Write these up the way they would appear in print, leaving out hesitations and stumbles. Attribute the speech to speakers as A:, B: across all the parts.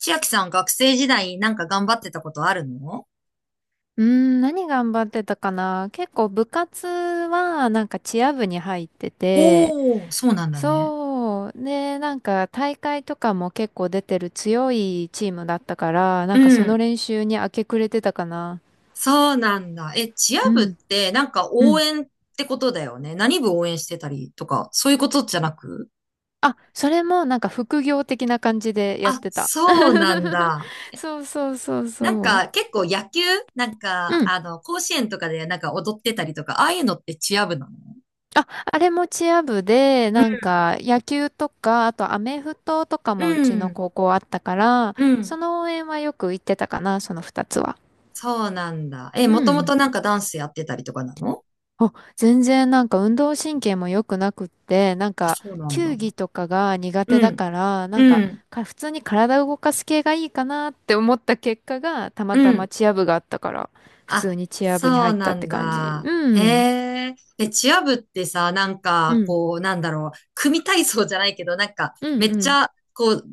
A: 千秋さん、学生時代なんか頑張ってたことあるの？
B: うーん、何頑張ってたかな。結構部活はなんかチア部に入ってて、
A: おー、そうなんだね。
B: そう。で、なんか大会とかも結構出てる強いチームだったから、
A: う
B: なんかその
A: ん。
B: 練習に明け暮れてたかな。
A: そうなんだ。え、チア
B: う
A: 部っ
B: ん。
A: てなんか
B: う
A: 応
B: ん。
A: 援ってことだよね。何部応援してたりとか、そういうことじゃなく？
B: あ、それもなんか副業的な感じでやっ
A: あ、
B: てた。
A: そうなん だ。
B: そうそうそう
A: なん
B: そ
A: か結構野球、なんか、
B: う。
A: あの、甲子園とかでなんか踊ってたりとか、ああいうのってチア部なの？
B: あ、あれもチア部で、
A: うん、
B: なんか野球とか、あとアメフトとかもう
A: う
B: ちの
A: ん。
B: 高校あったから、
A: う
B: そ
A: ん。
B: の応援はよく行ってたかな、その二つは。
A: そうなんだ。え、も
B: う
A: とも
B: ん。
A: となんかダンスやってたりとかなの？
B: あ、全然なんか運動神経も良くなくって、なん
A: あ、
B: か
A: そうなんだ。
B: 球技とかが苦
A: う
B: 手だ
A: ん、
B: から、なん
A: う
B: か、
A: ん、
B: か普通に体を動かす系がいいかなって思った結果が、た
A: う
B: またま
A: ん。
B: チア部があったから、普
A: あ、
B: 通にチア部に
A: そう
B: 入った
A: な
B: って
A: ん
B: 感じ。
A: だ。
B: う
A: へ
B: ん。
A: え。え、チア部ってさ、なん
B: う
A: か、
B: ん
A: こう、なんだろう、組体操じゃないけど、なんか、
B: う
A: め
B: ん
A: っ
B: う
A: ち
B: ん。
A: ゃ、こう、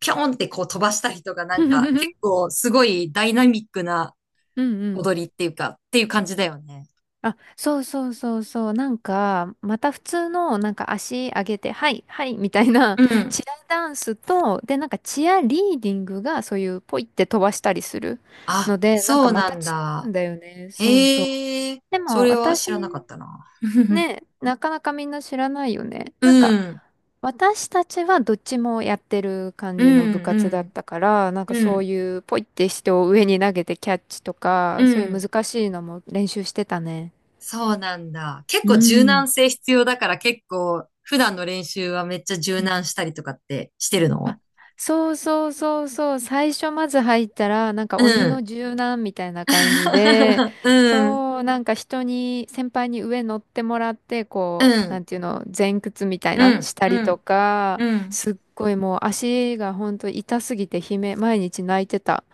A: ぴょんってこう飛ばしたりとか、なんか、結 構すごいダイナミックな
B: うんうん。
A: 踊りっていうか、っていう感じだよね。
B: あ、そうそうそうそう。なんか、また普通の、なんか足上げて、はい、はい、みたいな、
A: う ん。
B: チアダンスと、で、なんかチアリーディングが、そういう、ポイって飛ばしたりする
A: あ、
B: ので、なん
A: そ
B: か
A: う
B: ま
A: な
B: た
A: ん
B: 違う
A: だ。
B: んだよね。そうそう。
A: へえ。
B: で
A: そ
B: も、
A: れは
B: 私、
A: 知らなかったな。
B: ね、なかなかみんな知らないよね。
A: う
B: なんか、
A: ん。
B: 私たちはどっちもやってる感
A: う
B: じ
A: ん、
B: の部
A: う
B: 活だっ
A: ん、
B: たから、なんか
A: う
B: そう
A: ん、
B: いうポイって人を上に投げてキャッチと
A: う
B: か、そういう
A: ん。
B: 難しいのも練習してたね。
A: そうなんだ。結
B: う
A: 構柔
B: ん。
A: 軟性必要だから結構普段の練習はめっちゃ柔
B: うん。
A: 軟したりとかってしてる
B: あ、
A: の？
B: そうそうそうそう。最初まず入ったら、なんか
A: う
B: 鬼の
A: ん。
B: 柔軟みたいな感じで、
A: うん。
B: そう、なんか人に、先輩に上乗ってもらって、
A: う
B: こう、な
A: ん。
B: んていうの、前屈みたい
A: う
B: な、
A: ん。
B: したり
A: う
B: と
A: ん。
B: か、
A: うん。
B: すっごいもう足がほんと痛すぎて悲鳴、毎日泣いてた。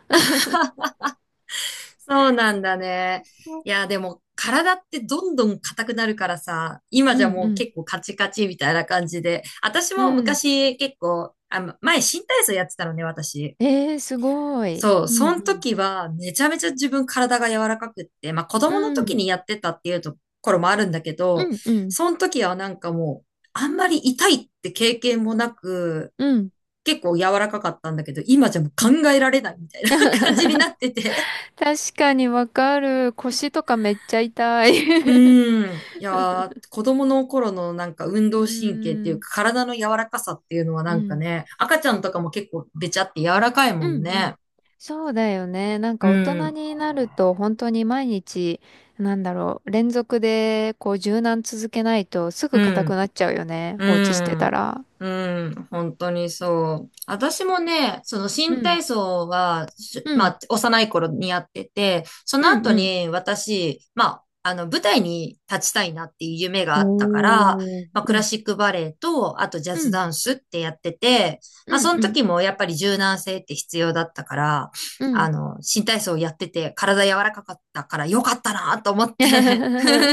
A: そうなんだね。いや、でも体ってどんどん硬くなるからさ、今
B: う
A: じゃ
B: ん
A: も
B: う
A: う
B: ん
A: 結構カチカチみたいな感じで。私
B: う
A: も
B: ん。うん。
A: 昔結構、あ、前新体操やってたのね、私。
B: えー、すごい。
A: そう、
B: う
A: その
B: ん
A: 時はめちゃめちゃ自分体が柔らかくって、まあ子
B: う
A: 供の
B: ん。う
A: 時
B: ん。
A: にやってたっていうところもあるんだけ
B: う
A: ど、
B: んうん。
A: その時はなんかもうあんまり痛いって経験もなく、
B: うん。
A: 結構柔らかかったんだけど、今じゃもう考えられないみたいな 感じになってて。
B: 確かにわかる。腰とかめっちゃ痛い。
A: う ーん。いやー、子供の頃のなんか運
B: う
A: 動神経ってい
B: ー
A: う
B: ん。
A: か体の柔らかさっていうのはな
B: う
A: んか
B: ん。
A: ね、赤ちゃんとかも結構べちゃって柔らかいも
B: う
A: ん
B: んうん。
A: ね。
B: そうだよね。なん
A: う
B: か大人
A: ん。
B: になると本当に毎日、なんだろう、連続でこう柔軟続けないとす
A: う
B: ぐ硬く
A: ん。
B: なっちゃうよね。
A: う
B: 放置してた
A: ん。
B: ら。
A: うん。本当にそう。私もね、その
B: う
A: 新
B: ん。
A: 体操は、
B: う
A: ま
B: ん。
A: あ、幼い頃にやってて、その
B: うん
A: 後
B: うん。
A: に私、まあ、あの、舞台に立ちたいなっていう夢があったから、
B: おー。
A: まあ、ク
B: う
A: ラ
B: ん。
A: シックバレエと、あとジャ
B: う
A: ズ
B: ん。
A: ダンスってやってて、
B: う
A: まあ、
B: ん
A: その
B: うん。
A: 時もやっぱり柔軟性って必要だったから、
B: うん。
A: あの、新体操をやってて、体柔らかかったから良かったなと思って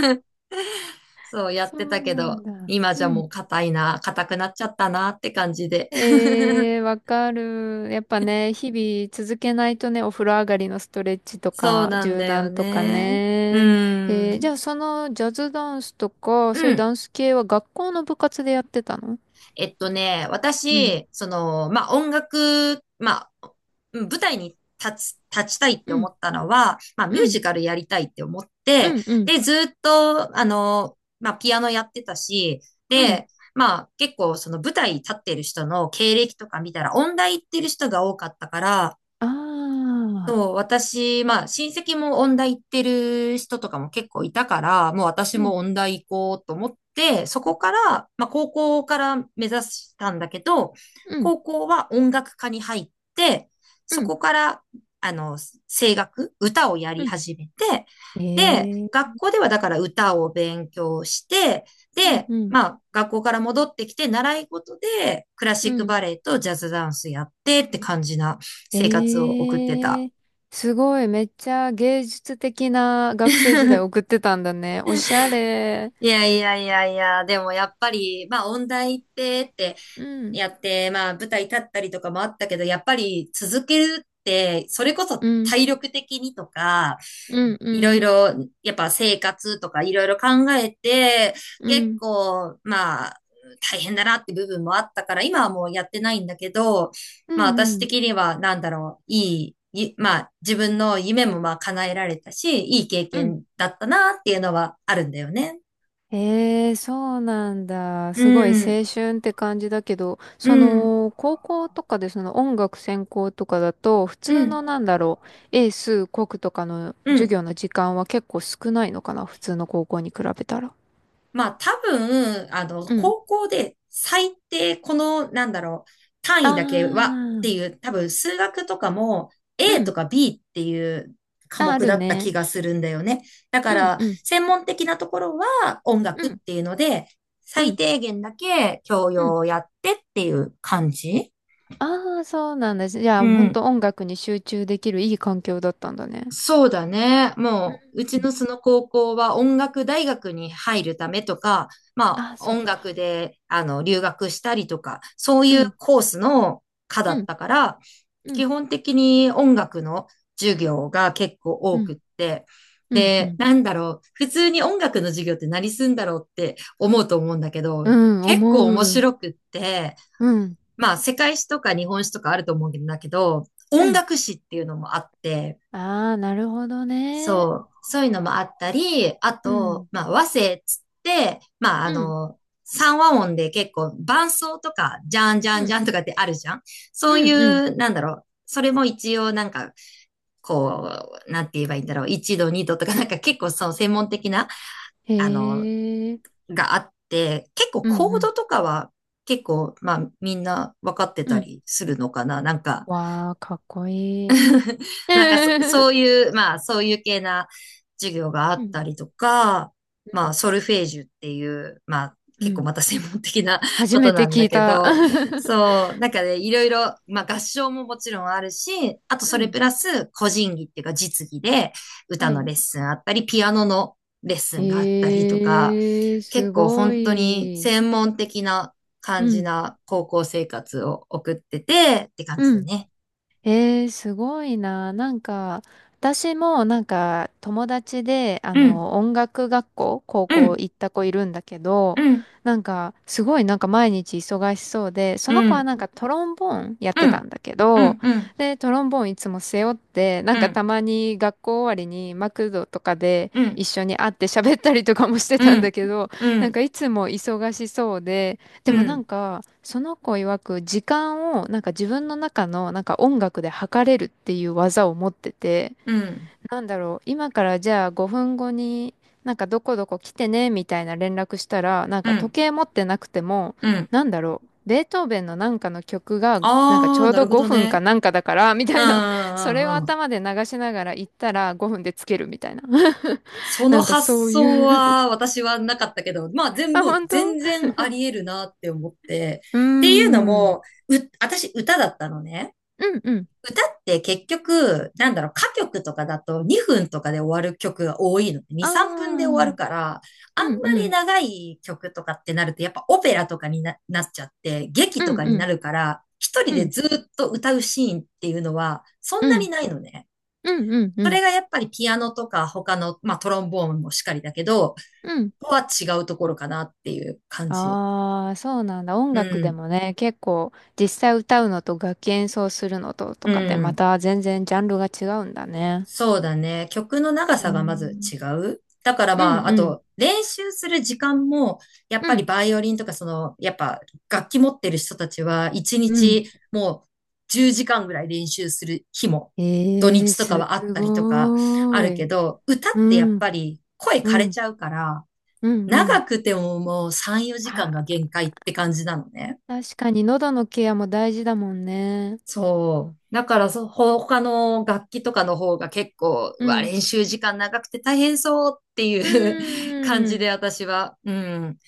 A: そうやっ
B: そ
A: てた
B: う
A: け
B: なん
A: ど、
B: だ。
A: 今じゃ
B: うん。
A: もう硬くなっちゃったなって感じで。
B: えー、わかる。やっぱね、日々続けないとね、お風呂上がりのストレッチと
A: そう
B: か、
A: なん
B: 柔
A: だよ
B: 軟とか
A: ね。う
B: ね。えー、じ
A: ん。
B: ゃあそのジャズダンスとか、そうい
A: う
B: う
A: ん。
B: ダンス系は学校の部活でやってたの？うん、
A: 私、その、まあ、音楽、まあ、うん、舞台に立ちたいって
B: う
A: 思
B: ん、
A: ったのは、まあ、ミュ
B: う
A: ー
B: ん、
A: ジカルやりたいって思って、
B: うん、うん、
A: で、ずっと、あの、まあ、ピアノやってたし、
B: うん、
A: で、まあ、結構、その舞台立ってる人の経歴とか見たら、音大行ってる人が多かったから、
B: ああ
A: そう、私、まあ、親戚も音大行ってる人とかも結構いたから、もう私
B: うん、
A: も音大行こうと思って、そ
B: うん、
A: こから、まあ、高校から目指したんだけど、
B: うん、
A: 高校は音楽科に入って、そ
B: うん、
A: こから、あの、声楽、歌をや
B: う
A: り
B: ん、
A: 始めて、で、
B: えー
A: 学校ではだから歌を勉強して、
B: うん、
A: で、
B: うん、
A: まあ、学校から戻ってきて、習い事でクラシ
B: う
A: ック
B: ん。
A: バレエとジャズダンスやってって感じな生活を送って
B: え
A: た。
B: え。すごい、めっちゃ芸術的な学生時代送 ってたんだね。おしゃれ。
A: いやいやいやいや、でもやっぱり、まあ音大行ってって
B: うん、
A: やって、まあ舞台立ったりとかもあったけど、やっぱり続けるって、それこ
B: う
A: そ
B: ん、
A: 体力的にとか、
B: うん、う
A: いろい
B: ん、
A: ろ、やっぱ生活とかいろいろ考えて、
B: う
A: 結
B: ん、
A: 構、まあ大変だなって部分もあったから、今はもうやってないんだけど、
B: う
A: まあ
B: ん、
A: 私
B: うん。
A: 的にはなんだろう、いい、いまあ自分の夢もまあ叶えられたし、いい経
B: うん。
A: 験だったなっていうのはあるんだよね。
B: えー、そうなんだ。
A: う
B: すごい
A: ん、
B: 青春って感じだけど、
A: う
B: そ
A: ん、
B: の、高校とかでその音楽専攻とかだと、普
A: う
B: 通
A: ん、
B: のなんだろう、英数国とかの
A: う
B: 授
A: ん。
B: 業の時間は結構少ないのかな、普通の高校に比べたら。
A: まあ多分、あの、
B: うん。
A: 高校で最低この、なんだろう、単
B: あ
A: 位だけはって
B: ー、
A: いう、多分数学とかも
B: う
A: A と
B: ん。
A: か B っていう科
B: あ、あ
A: 目
B: る
A: だった
B: ね。
A: 気がするんだよね。だか
B: うん、
A: ら、
B: うん、
A: 専門的なところは音
B: う
A: 楽っ
B: ん、
A: ていうので、
B: う
A: 最
B: ん、
A: 低限だけ教
B: う
A: 養
B: ん。
A: をやってっていう感じ。
B: あー、そうなんだ。じゃ
A: う
B: あ、ほんと
A: ん。
B: 音楽に集中できるいい環境だったんだね。
A: そうだね。
B: う
A: もう、うち
B: ん。
A: のその高校は音楽大学に入るためとか、まあ、
B: あ、そっ
A: 音楽
B: か。
A: で、あの、留学したりとか、そう
B: う
A: いう
B: ん、
A: コースの科だ
B: う
A: っ
B: ん、
A: たから、
B: うん、
A: 基本的に音楽の授業が結構
B: う
A: 多くっ
B: ん、
A: て、
B: うん、う
A: で、
B: ん、
A: なんだろう、普通に音楽の授業って何すんだろうって思うと思うんだけ
B: う
A: ど、
B: ん
A: 結構面
B: 思う。
A: 白くって、
B: うん、
A: まあ、世界史とか日本史とかあると思うんだけど、
B: う
A: 音
B: ん。
A: 楽史っていうのもあって、
B: ああ、なるほどね。
A: そう、そういうのもあったり、あ
B: う
A: と、
B: ん、
A: まあ、和声っつって、まあ、あ
B: うん、
A: の、三和音で結構伴奏とか、じゃんじゃ
B: う
A: んじ
B: ん、
A: ゃんとかってあるじゃん。そうい
B: うん、うん。
A: う、なんだろう。それも一応なんか、こう、なんて言えばいいんだろう。一度、二度とか、なんか結構その専門的な、
B: へ
A: あの、
B: え、
A: があって、結構
B: うん、
A: コ
B: う
A: ード
B: ん、
A: とかは結構、まあみんな分かって
B: う
A: た
B: ん。
A: りするのかな。なんか、
B: わあ、かっこいい。
A: そう いう、まあ、そういう系な授業があ
B: う
A: っ
B: ん、
A: た
B: う
A: りとか、まあ、
B: ん、
A: ソルフェージュっていう、まあ、
B: う
A: 結構
B: ん。
A: また専門的な
B: 初
A: こと
B: めて
A: なん
B: 聞
A: だ
B: い
A: け
B: た。
A: ど、そう、なんかね、いろいろ、まあ、合唱ももちろんあるし、あとそ
B: う
A: れ
B: ん、
A: プラス、個人技っていうか実技で、歌
B: は
A: の
B: い。
A: レッスンあったり、ピアノのレッスンがあったりとか、
B: ええ、
A: 結
B: す
A: 構
B: ご
A: 本当に
B: い。
A: 専門的な
B: う
A: 感じ
B: ん、
A: な高校生活を送っててって感じ
B: う
A: だ
B: ん、
A: ね。
B: えー、すごいな。なんか、私もなんか友達で、あ
A: うん、
B: の、音楽学校、高
A: う
B: 校
A: ん。
B: 行った子いるんだけど、
A: うん、
B: なんか、すごいなんか毎日忙しそうで、その
A: う
B: 子は
A: ん、
B: なんかトロンボーンやっ
A: う
B: てた
A: ん、
B: んだけ
A: う
B: ど、
A: ん、うん、
B: で、トロンボーンいつも背負って、な
A: う
B: んか
A: ん、
B: たまに学校終わりにマクドとかで
A: うん、うん、
B: 一緒に会って喋ったりとかもして
A: う
B: たんだ
A: ん、
B: けど、
A: う
B: なん
A: ん、
B: かいつも忙しそうで、で
A: う
B: もなん
A: ん、
B: か、その子曰く時間をなんか自分の中のなんか音楽で測れるっていう技を持ってて、
A: うん、
B: なんだろう、今からじゃあ5分後になんかどこどこ来てねみたいな連絡したら、なんか時計持ってなくても、
A: うん。
B: なんだろう、ベートーベンのなんかの曲がなんかち
A: ああ、
B: ょう
A: な
B: ど
A: るほど
B: 5分か
A: ね。
B: なんかだからみた
A: うん、
B: い
A: う
B: な、それを
A: ん、うん。
B: 頭で流しながら行ったら5分でつけるみたいな。
A: そ
B: な
A: の
B: んかそ
A: 発
B: う
A: 想
B: いう。
A: は私はなかったけど、まあ 全
B: あ、
A: 部、
B: 本当。う
A: 全然あり得るなって思って。
B: ーん。
A: っていうの
B: う
A: も、
B: ん
A: う、私歌だったのね。
B: うん。
A: 歌って結局、なんだろう、歌曲とかだと2分とかで終わる曲が多いのね。2、
B: ああ。
A: 3分で終わ
B: う
A: る
B: ん
A: から、あんま
B: う
A: り
B: ん。
A: 長い曲とかってなると、やっぱオペラとかになっちゃって、劇
B: う
A: とか
B: ん
A: に
B: う
A: な
B: ん。
A: るから、一人
B: う
A: で
B: ん
A: ずっと歌うシーンっていうのは、そんな
B: う
A: に
B: ん。
A: ないのね。
B: うんうん
A: そ
B: う
A: れ
B: ん。
A: がやっぱりピアノとか他の、まあトロンボーンもしかりだけど、
B: うん。
A: ここは違うところかなっていう感じ。
B: ああ、そうなんだ。音
A: う
B: 楽で
A: ん。
B: もね、結構実際歌うのと楽器演奏するのとと
A: う
B: かでま
A: ん。
B: た全然ジャンルが違うんだね。
A: そうだね。曲の長
B: うー
A: さがまず
B: ん。
A: 違う。だから
B: う
A: まあ、
B: ん
A: あ
B: うん。
A: と、練習する時間も、やっ
B: う
A: ぱり
B: ん。
A: バイオリンとか、その、やっぱ楽器持ってる人たちは、一
B: うん。
A: 日もう10時間ぐらい練習する日も、土
B: ええー、
A: 日とか
B: す
A: はあったりとかあ
B: ご
A: る
B: ー
A: け
B: い。
A: ど、歌ってやっ
B: うん。
A: ぱり声
B: う
A: 枯れ
B: ん。
A: ちゃうから、
B: うんう
A: 長
B: ん。
A: くてももう3、4時間が
B: あ
A: 限界って感じなのね。
B: ー、確かに喉のケアも大事だもんね。
A: そう。だからそ、他の楽器とかの方が結構、う
B: う
A: わ、
B: ん。
A: 練習時間長くて大変そうって
B: う
A: いう 感
B: ー
A: じ
B: ん。
A: で私は、うん、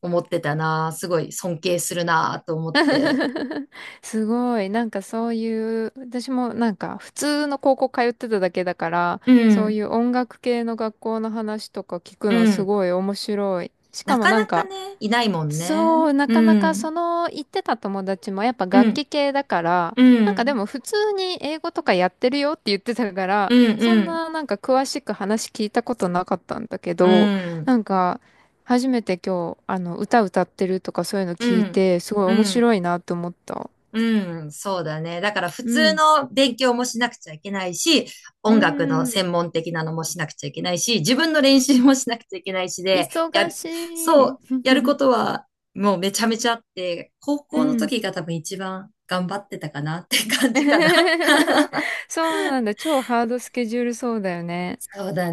A: 思ってたな。すごい尊敬するなと思って。
B: すごい。なんかそういう、私もなんか普通の高校通ってただけだから、
A: う
B: そう
A: ん、
B: いう音楽系の学校の話とか聞く
A: う
B: のす
A: ん。
B: ごい面白い。しか
A: な
B: も
A: か
B: なん
A: なか
B: か
A: ね、いないもん
B: そ
A: ね。
B: う、な
A: う
B: かなか
A: ん、
B: その言ってた友達もやっぱ
A: う
B: 楽
A: ん、
B: 器系だから、
A: う
B: なんかで
A: ん、
B: も普通に英語とかやってるよって言ってたから、
A: うん、
B: そ
A: う
B: ん
A: ん、
B: ななんか詳しく話聞いたことなかったんだけ
A: う
B: ど、
A: ん、
B: なんか初めて今日あの歌歌ってるとかそういうの聞
A: う
B: い
A: ん、
B: て、すごい
A: う
B: 面
A: ん。
B: 白いなと思った。
A: うん、そうだね。だから普
B: う
A: 通
B: ん。
A: の勉強もしなくちゃいけないし、
B: う
A: 音楽の専
B: ん。
A: 門的なのもしなくちゃいけないし、自分の練習もしなくちゃいけないしで、
B: 忙
A: そ
B: しい。
A: う、やるこ とはもうめちゃめちゃあって、高
B: う
A: 校の
B: ん。
A: 時が多分一番頑張ってたかなって感じかな。
B: そうなんだ。超ハードスケジュールそうだよね。
A: そうだ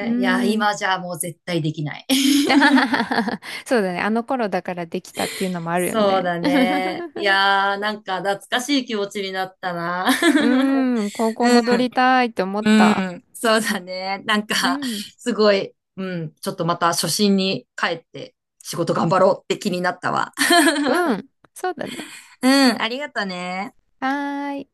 B: う
A: いや、
B: ん。
A: 今じゃもう絶対できない。
B: そうだね。あの頃だからできたっていうのも あるよ
A: そう
B: ね。
A: だね。い やー、なんか懐かしい気持ちになったな。
B: う ーん。高校
A: う
B: 戻
A: ん。
B: りたいって思っ
A: う
B: た。
A: ん、そうだね。なん
B: う
A: か、
B: ん。
A: すごい、うん、ちょっとまた初心に帰って仕事頑張ろうって気になったわ。
B: う ん。そうだね。
A: うん、ありがとね。
B: はーい。